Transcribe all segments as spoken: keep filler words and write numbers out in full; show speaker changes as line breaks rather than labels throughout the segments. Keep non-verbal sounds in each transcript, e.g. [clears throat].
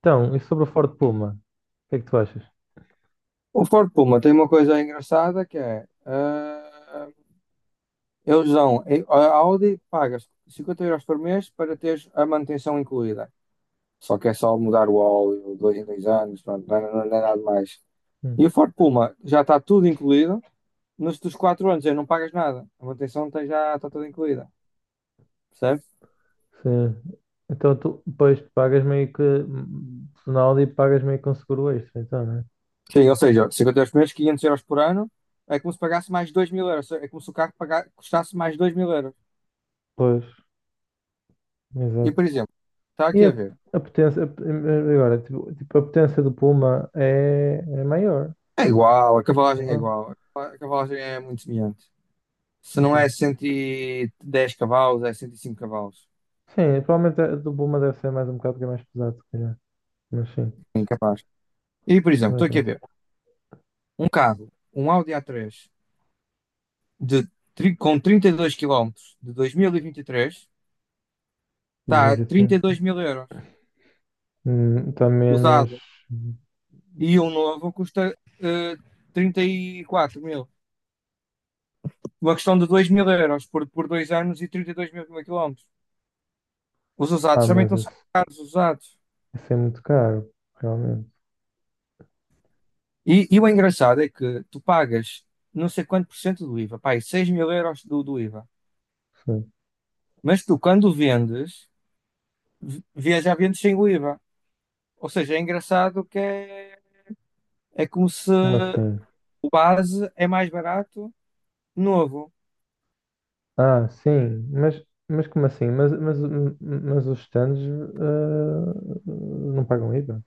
Então, e sobre o Ford Puma? O que é que tu achas?
O Ford Puma tem uma coisa engraçada que é, ah, eles dão, a Audi pagas cinquenta euros por mês para teres a manutenção incluída. Só que é só mudar o óleo, dois em dois anos, pronto, não, é- não é nada mais.
Hum,
E o Ford Puma já está tudo incluído, nos dos quatro anos aí não pagas nada, a manutenção tem- já está toda incluída, percebe?
sim. Então, tu, pois, pagas meio que. Ronaldo e pagas meio que um seguro extra, então, né?
Sim, ou seja, cinquenta euros por mês, quinhentos euros por ano, é como se pagasse mais dois mil euros, é como se o carro paga- custasse mais dois mil euros.
Pois,
E, por
exato.
exemplo, está
E
aqui
a,
a ver.
a potência. A- agora, tipo, tipo, a potência do Puma é, é maior.
É igual, a cavalagem
Não
é
é?
igual. A cavalagem é muito semelhante. Se não é
Ok.
cento e dez cavalos, é cento e cinco cavalos.
Sim, provavelmente a do Puma deve ser mais um bocado, porque é mais pesado, se calhar. Mas sim,
Incapaz. E, por exemplo,
não é
estou aqui a
preço.
ver um carro, um Audi A três de, tri- com trinta e dois quilómetros de dois mil e vinte e três, está a
dois mil e vinte e três.
trinta e dois mil euros
Hum, está menos.
usado. E um novo custa eh, trinta e quatro mil. Uma questão de dois mil euros por, por dois anos e trinta e dois mil quilómetros. Os
Ah,
usados também
mas
estão super
esse,
caros, os usados.
esse é muito caro, realmente.
E, e o engraçado é que tu pagas não sei quanto por cento do IVA, pá, seis mil euros do, do IVA.
Sim.
Mas tu, quando vendes, v- vias já vendes sem o IVA. Ou seja, é engraçado que é, é como se
Como assim?
o base é mais barato, novo.
Ah, sim, mas, mas como assim? Mas, mas, mas os stands eh, não pagam IVA?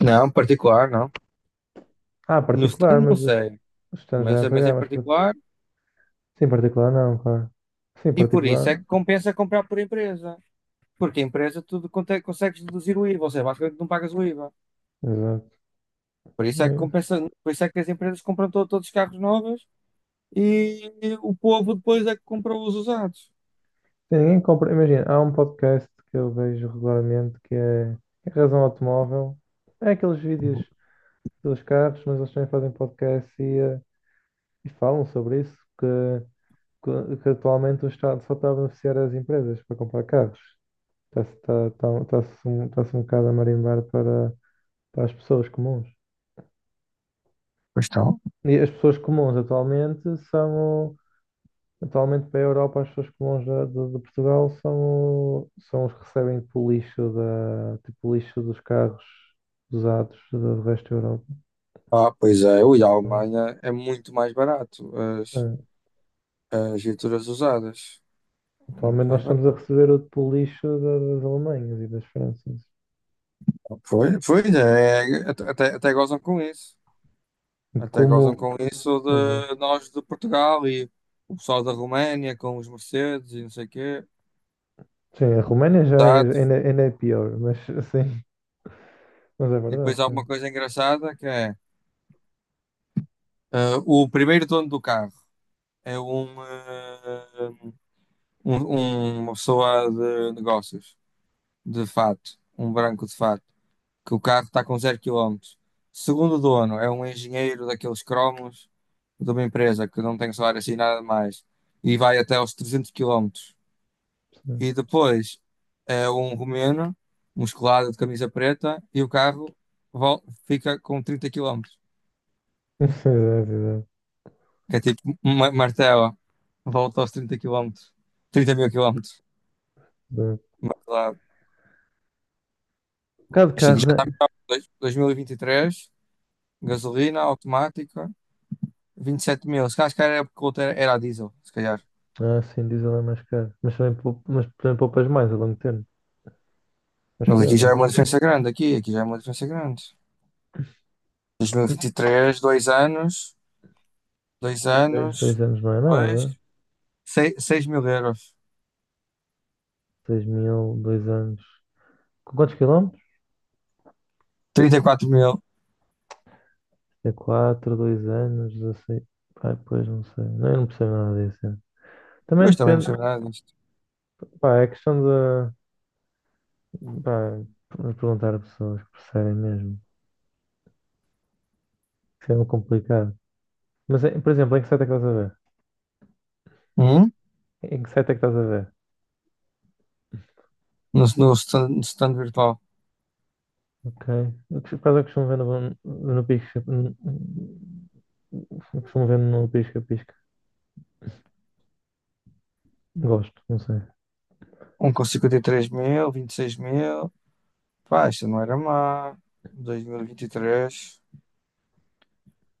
Não, particular, não.
Ah,
No
particular,
stand não
mas os,
sei,
os stands já
mas,
é
mas em
pagar, mas par-
particular,
sim, particular não, claro. Sim,
e por isso
particular,
é que compensa comprar por empresa. Porque a empresa tu conte- consegues deduzir o IVA, ou seja, basicamente não pagas o IVA.
exato.
Por isso é que
Eh,
compensa, por isso é que as empresas compram to- todos os carros novos e o povo depois é que compra os usados.
Sim, ninguém compra, imagina, há um podcast que eu vejo regularmente que é que é Razão Automóvel. É aqueles vídeos dos carros, mas eles também fazem podcast e, eh, e falam sobre isso, que, que, que atualmente o Estado só está a beneficiar as empresas para comprar carros. Está-se tá, tá, tá-se um, tá-se um bocado a marimbar para, para as pessoas comuns. E as pessoas comuns atualmente são, o- atualmente para a Europa, as pessoas comuns da- de, de Portugal são, o- são os que recebem tipo o lixo, da, tipo o lixo dos carros usados do do resto da Europa.
Ah, pois é, ui, a Alemanha é muito mais barato as,
Sim.
as viaturas usadas. Muito
Atualmente
mais
nós
barato.
estamos a receber o tipo lixo da- das Alemanhas e das Franças.
Foi, foi, é, até, até até gozam com isso.
De
Até
Como,
gozam com isso de
exato.
nós de Portugal e o pessoal da Roménia com os Mercedes e não sei o quê.
Sim, a Roménia já é,
Exato.
ainda, ainda é pior, mas [laughs] sim, mas é
E
verdade,
depois há uma
sim.
coisa engraçada que é eh, o primeiro dono do carro é um, eh, um- um- uma pessoa de negócios. De fato, um branco de fato, que o carro está com zero quilómetros. Segundo dono, é um engenheiro daqueles cromos de uma empresa que não tem salário assim nada mais e vai até aos trezentos quilómetros.
Sim.
E depois é um romeno, musculado de camisa preta e o carro vol- fica com trinta quilómetros.
[laughs] Exato, exato,
Que é tipo uma martela, volta aos trinta quilómetros, trinta mil quilómetros.
exato.
Mas lá,
Um bocado de
isto aqui já
carros é.
está dois- dois mil e e vinte e três, gasolina automática. vinte e sete mil. Se calhar, se calhar era porque o outro era, era a diesel, se calhar.
Ah, sim, diesel é mais caro. Mas também, poup- mas também poupas mais a longo termo.
Mas
Acho eu,
aqui já
né?
é uma diferença grande, aqui, aqui já é uma diferença grande. Dois mil e vinte e três, dois anos, dois
Dez, dois
anos,
anos não é
depois,
nada.
seis mil euros.
Seis mil, dois anos. Com quantos quilómetros?
Trinta e quatro mil.
É quatro dois anos, dezesseis. Ai, pois não sei. Não, eu não percebo nada disso. É. Também
Pois também não
depende.
sei nada disto.
Pá, é questão de. Pá, de perguntar a pessoas que percebem mesmo. Isso é muito complicado. Mas, é- por exemplo, em que site é que estás a ver?
Hum?
Em que site é que estás a ver?
No, no, stand, no stand virtual.
Ok. Eu por acaso eu costumo ver no, no pisca. Eu costumo ver no pisca-pisca. Gosto, não sei.
Um com cinquenta e três mil, vinte e seis mil. Pá, isto não era má. Dois mil e vinte e três.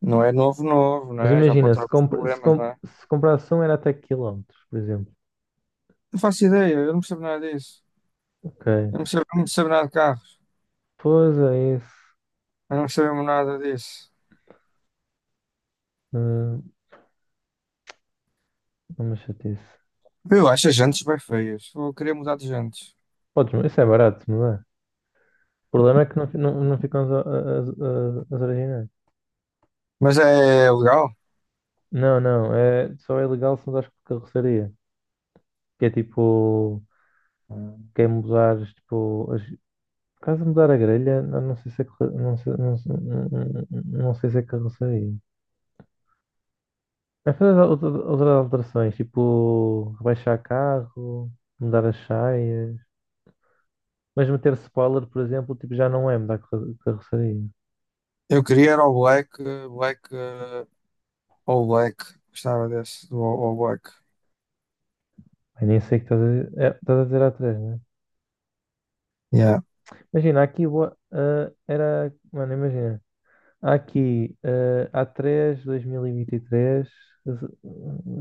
Não é novo, novo, não
Mas
é? Já
imagina,
pode ter
se,
alguns
compra, se,
problemas, não
com-
é?
se comparação era até quilómetros, por exemplo.
Não faço ideia, eu não percebo nada disso.
Ok.
Eu não percebo, não percebo nada de carro.
Pois é isso.
Eu não percebo nada disso.
Hum, É uma chatice.
Eu acho as jantes bem feias. Eu queria mudar de jantes.
Podes, isso é barato, não é? O problema é que não, fi- não, não ficam as, as, as- as originais.
Mas é legal.
Não, não. É, só é legal se usares por carroceria. Que é tipo. Quem usares tipo, as, caso mudar a grelha, não, não sei se é carro- não sei, não, sei- não- sei se é carroceria. Mas fazer outra- outras alterações, tipo rebaixar carro, mudar as saias, mas meter spoiler, por exemplo, tipo, já não é mudar carro- carroceria.
Eu queria era o black, eh, black, eh, all black. Gostava desse, do all all black.
Ai, nem sei o que estás a dizer. É, estás a dizer há três, né?
Yeah.
Imagina, aqui boa- ah, era. Mano, imagina. Há aqui, ah, A três dois mil e vinte e três,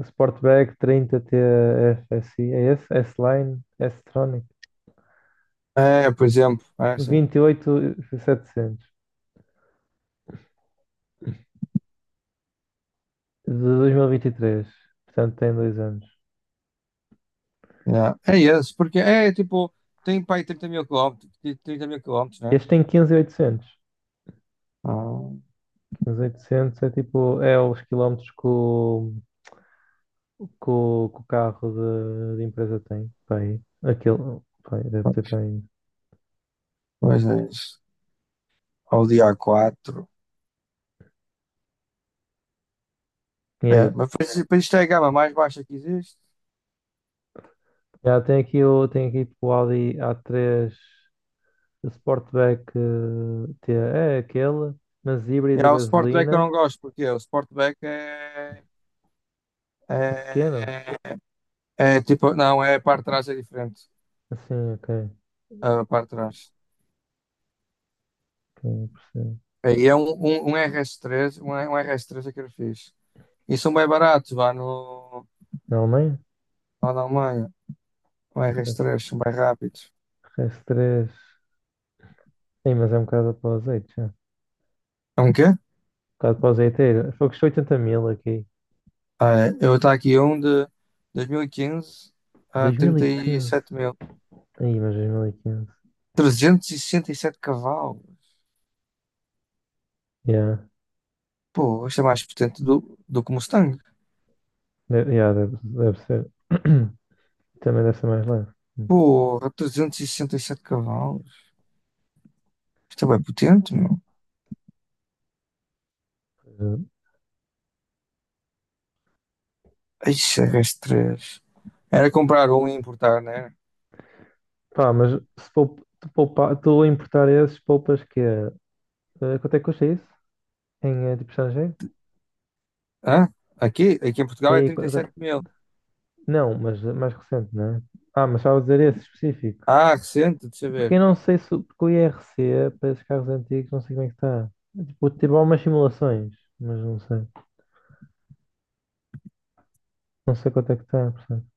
Sportback trinta T F S I, é esse? S-Line, S-Tronic.
É, por exemplo, é assim.
Vinte e oito mil e setecentos, de dois mil e e vinte e três. Portanto, tem dois anos.
Yeah. É esse, porque é é tipo, tem para aí trinta mil quilómetros, trinta mil quilómetros, né?
Este tem
Ah,
quinze mil e oitocentos. quinze mil e oitocentos é tipo, é os quilómetros que o, que o, que o carro de, de empresa tem. Pá, aí. Aquilo, pá, aí, deve ter para aí.
pois é isso. Ao dia quatro. Aí,
Yeah.
mas pois- pois isto é a gama mais baixa que existe.
Yeah, tem aqui o, tem aqui tipo, o Audi a três Sportback, eh, T- é aquele, mas
E
híbrido a
há o Sportback que eu
gasolina,
não gosto, porque o Sportback é. É,
pequeno.
é é, tipo, não, é a parte de trás é diferente.
Assim, ok.
A parte de trás.
Ok, percebo.
Aí é um, um, um erre esse três, um, um R S três é que eu fiz. E são bem baratos, vá no,
Na Alemanha?
lá na Alemanha. Um
RS,
R S três, são bem rápidos.
R S três. Sim, mas é um bocado para o azeite já. Um
É um quê?
bocado para o azeiteiro. Foi que custou oitenta mil aqui.
Ah, é, eu estou aqui um de dois mil e quinze a
dois mil e quinze.
trinta e sete mil.
Aí, mas dois mil e quinze.
trezentos e sessenta e sete cavalos.
Yeah.
Pô, isto é mais potente do, do que o Mustang.
De- yeah, deve, deve ser. [clears throat] Também deve ser mais leve.
Porra, trezentos e sessenta e sete cavalos. Isto é bem potente, meu.
Hum.
Ixi, as três. Era comprar um e importar, né?
Pá, mas se poup- tu poupa- tu a importar esses, poupas que é. Eh, Quanto é que custa isso? Em eh, tipo estrangeiro?
Hã? Aqui, aqui em Portugal é
Aí, qu-
trinta e
qu-
sete mil.
não, mas eh, mais recente, não é? Ah, mas estava a dizer esse específico.
Ah, recente, deixa eu
Porque eu
ver.
não sei se. o- Porque o I R C para esses carros antigos, não sei como é que está. Tipo, tive algumas simulações, mas não sei. Não sei quanto é que está, portanto.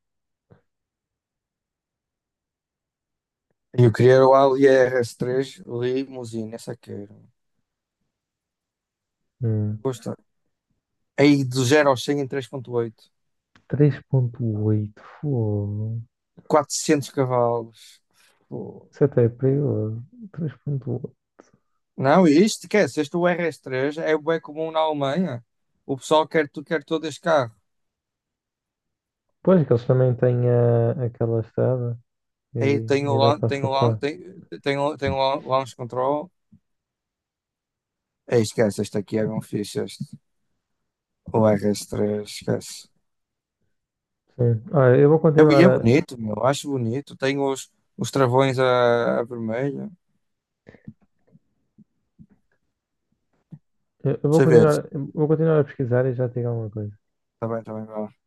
E eu queria era o Audi R S três Limousine, essa quero.
Hum,
Custa. Aí do zero ao cem em três vírgula oito.
Três ponto oito, fogo.
Quatrocentos cavalos. Pô.
Isso até é perigoso. Três ponto oito.
Não, e isto esquece. Este o RS três é bem comum na Alemanha. O pessoal quer, tu- quer todo este carro.
Pois, que eles também têm a, aquela estrada
Aí
e,
tem o,
e dá
lan-
para
tem o, lan-
sapar.
tem, tem, o- tem o lan- launch control. Aí esquece, este aqui é bem fixe. Este. O R S três, esquece.
Sim. Olha, eu vou
É, e
continuar
é
a,
bonito, meu, acho bonito. Tem os, os travões a, a vermelho.
eu eu vou
Deixa eu ver.
continuar, eu vou continuar a pesquisar e já te digo alguma coisa.
Tá bem, tá bem.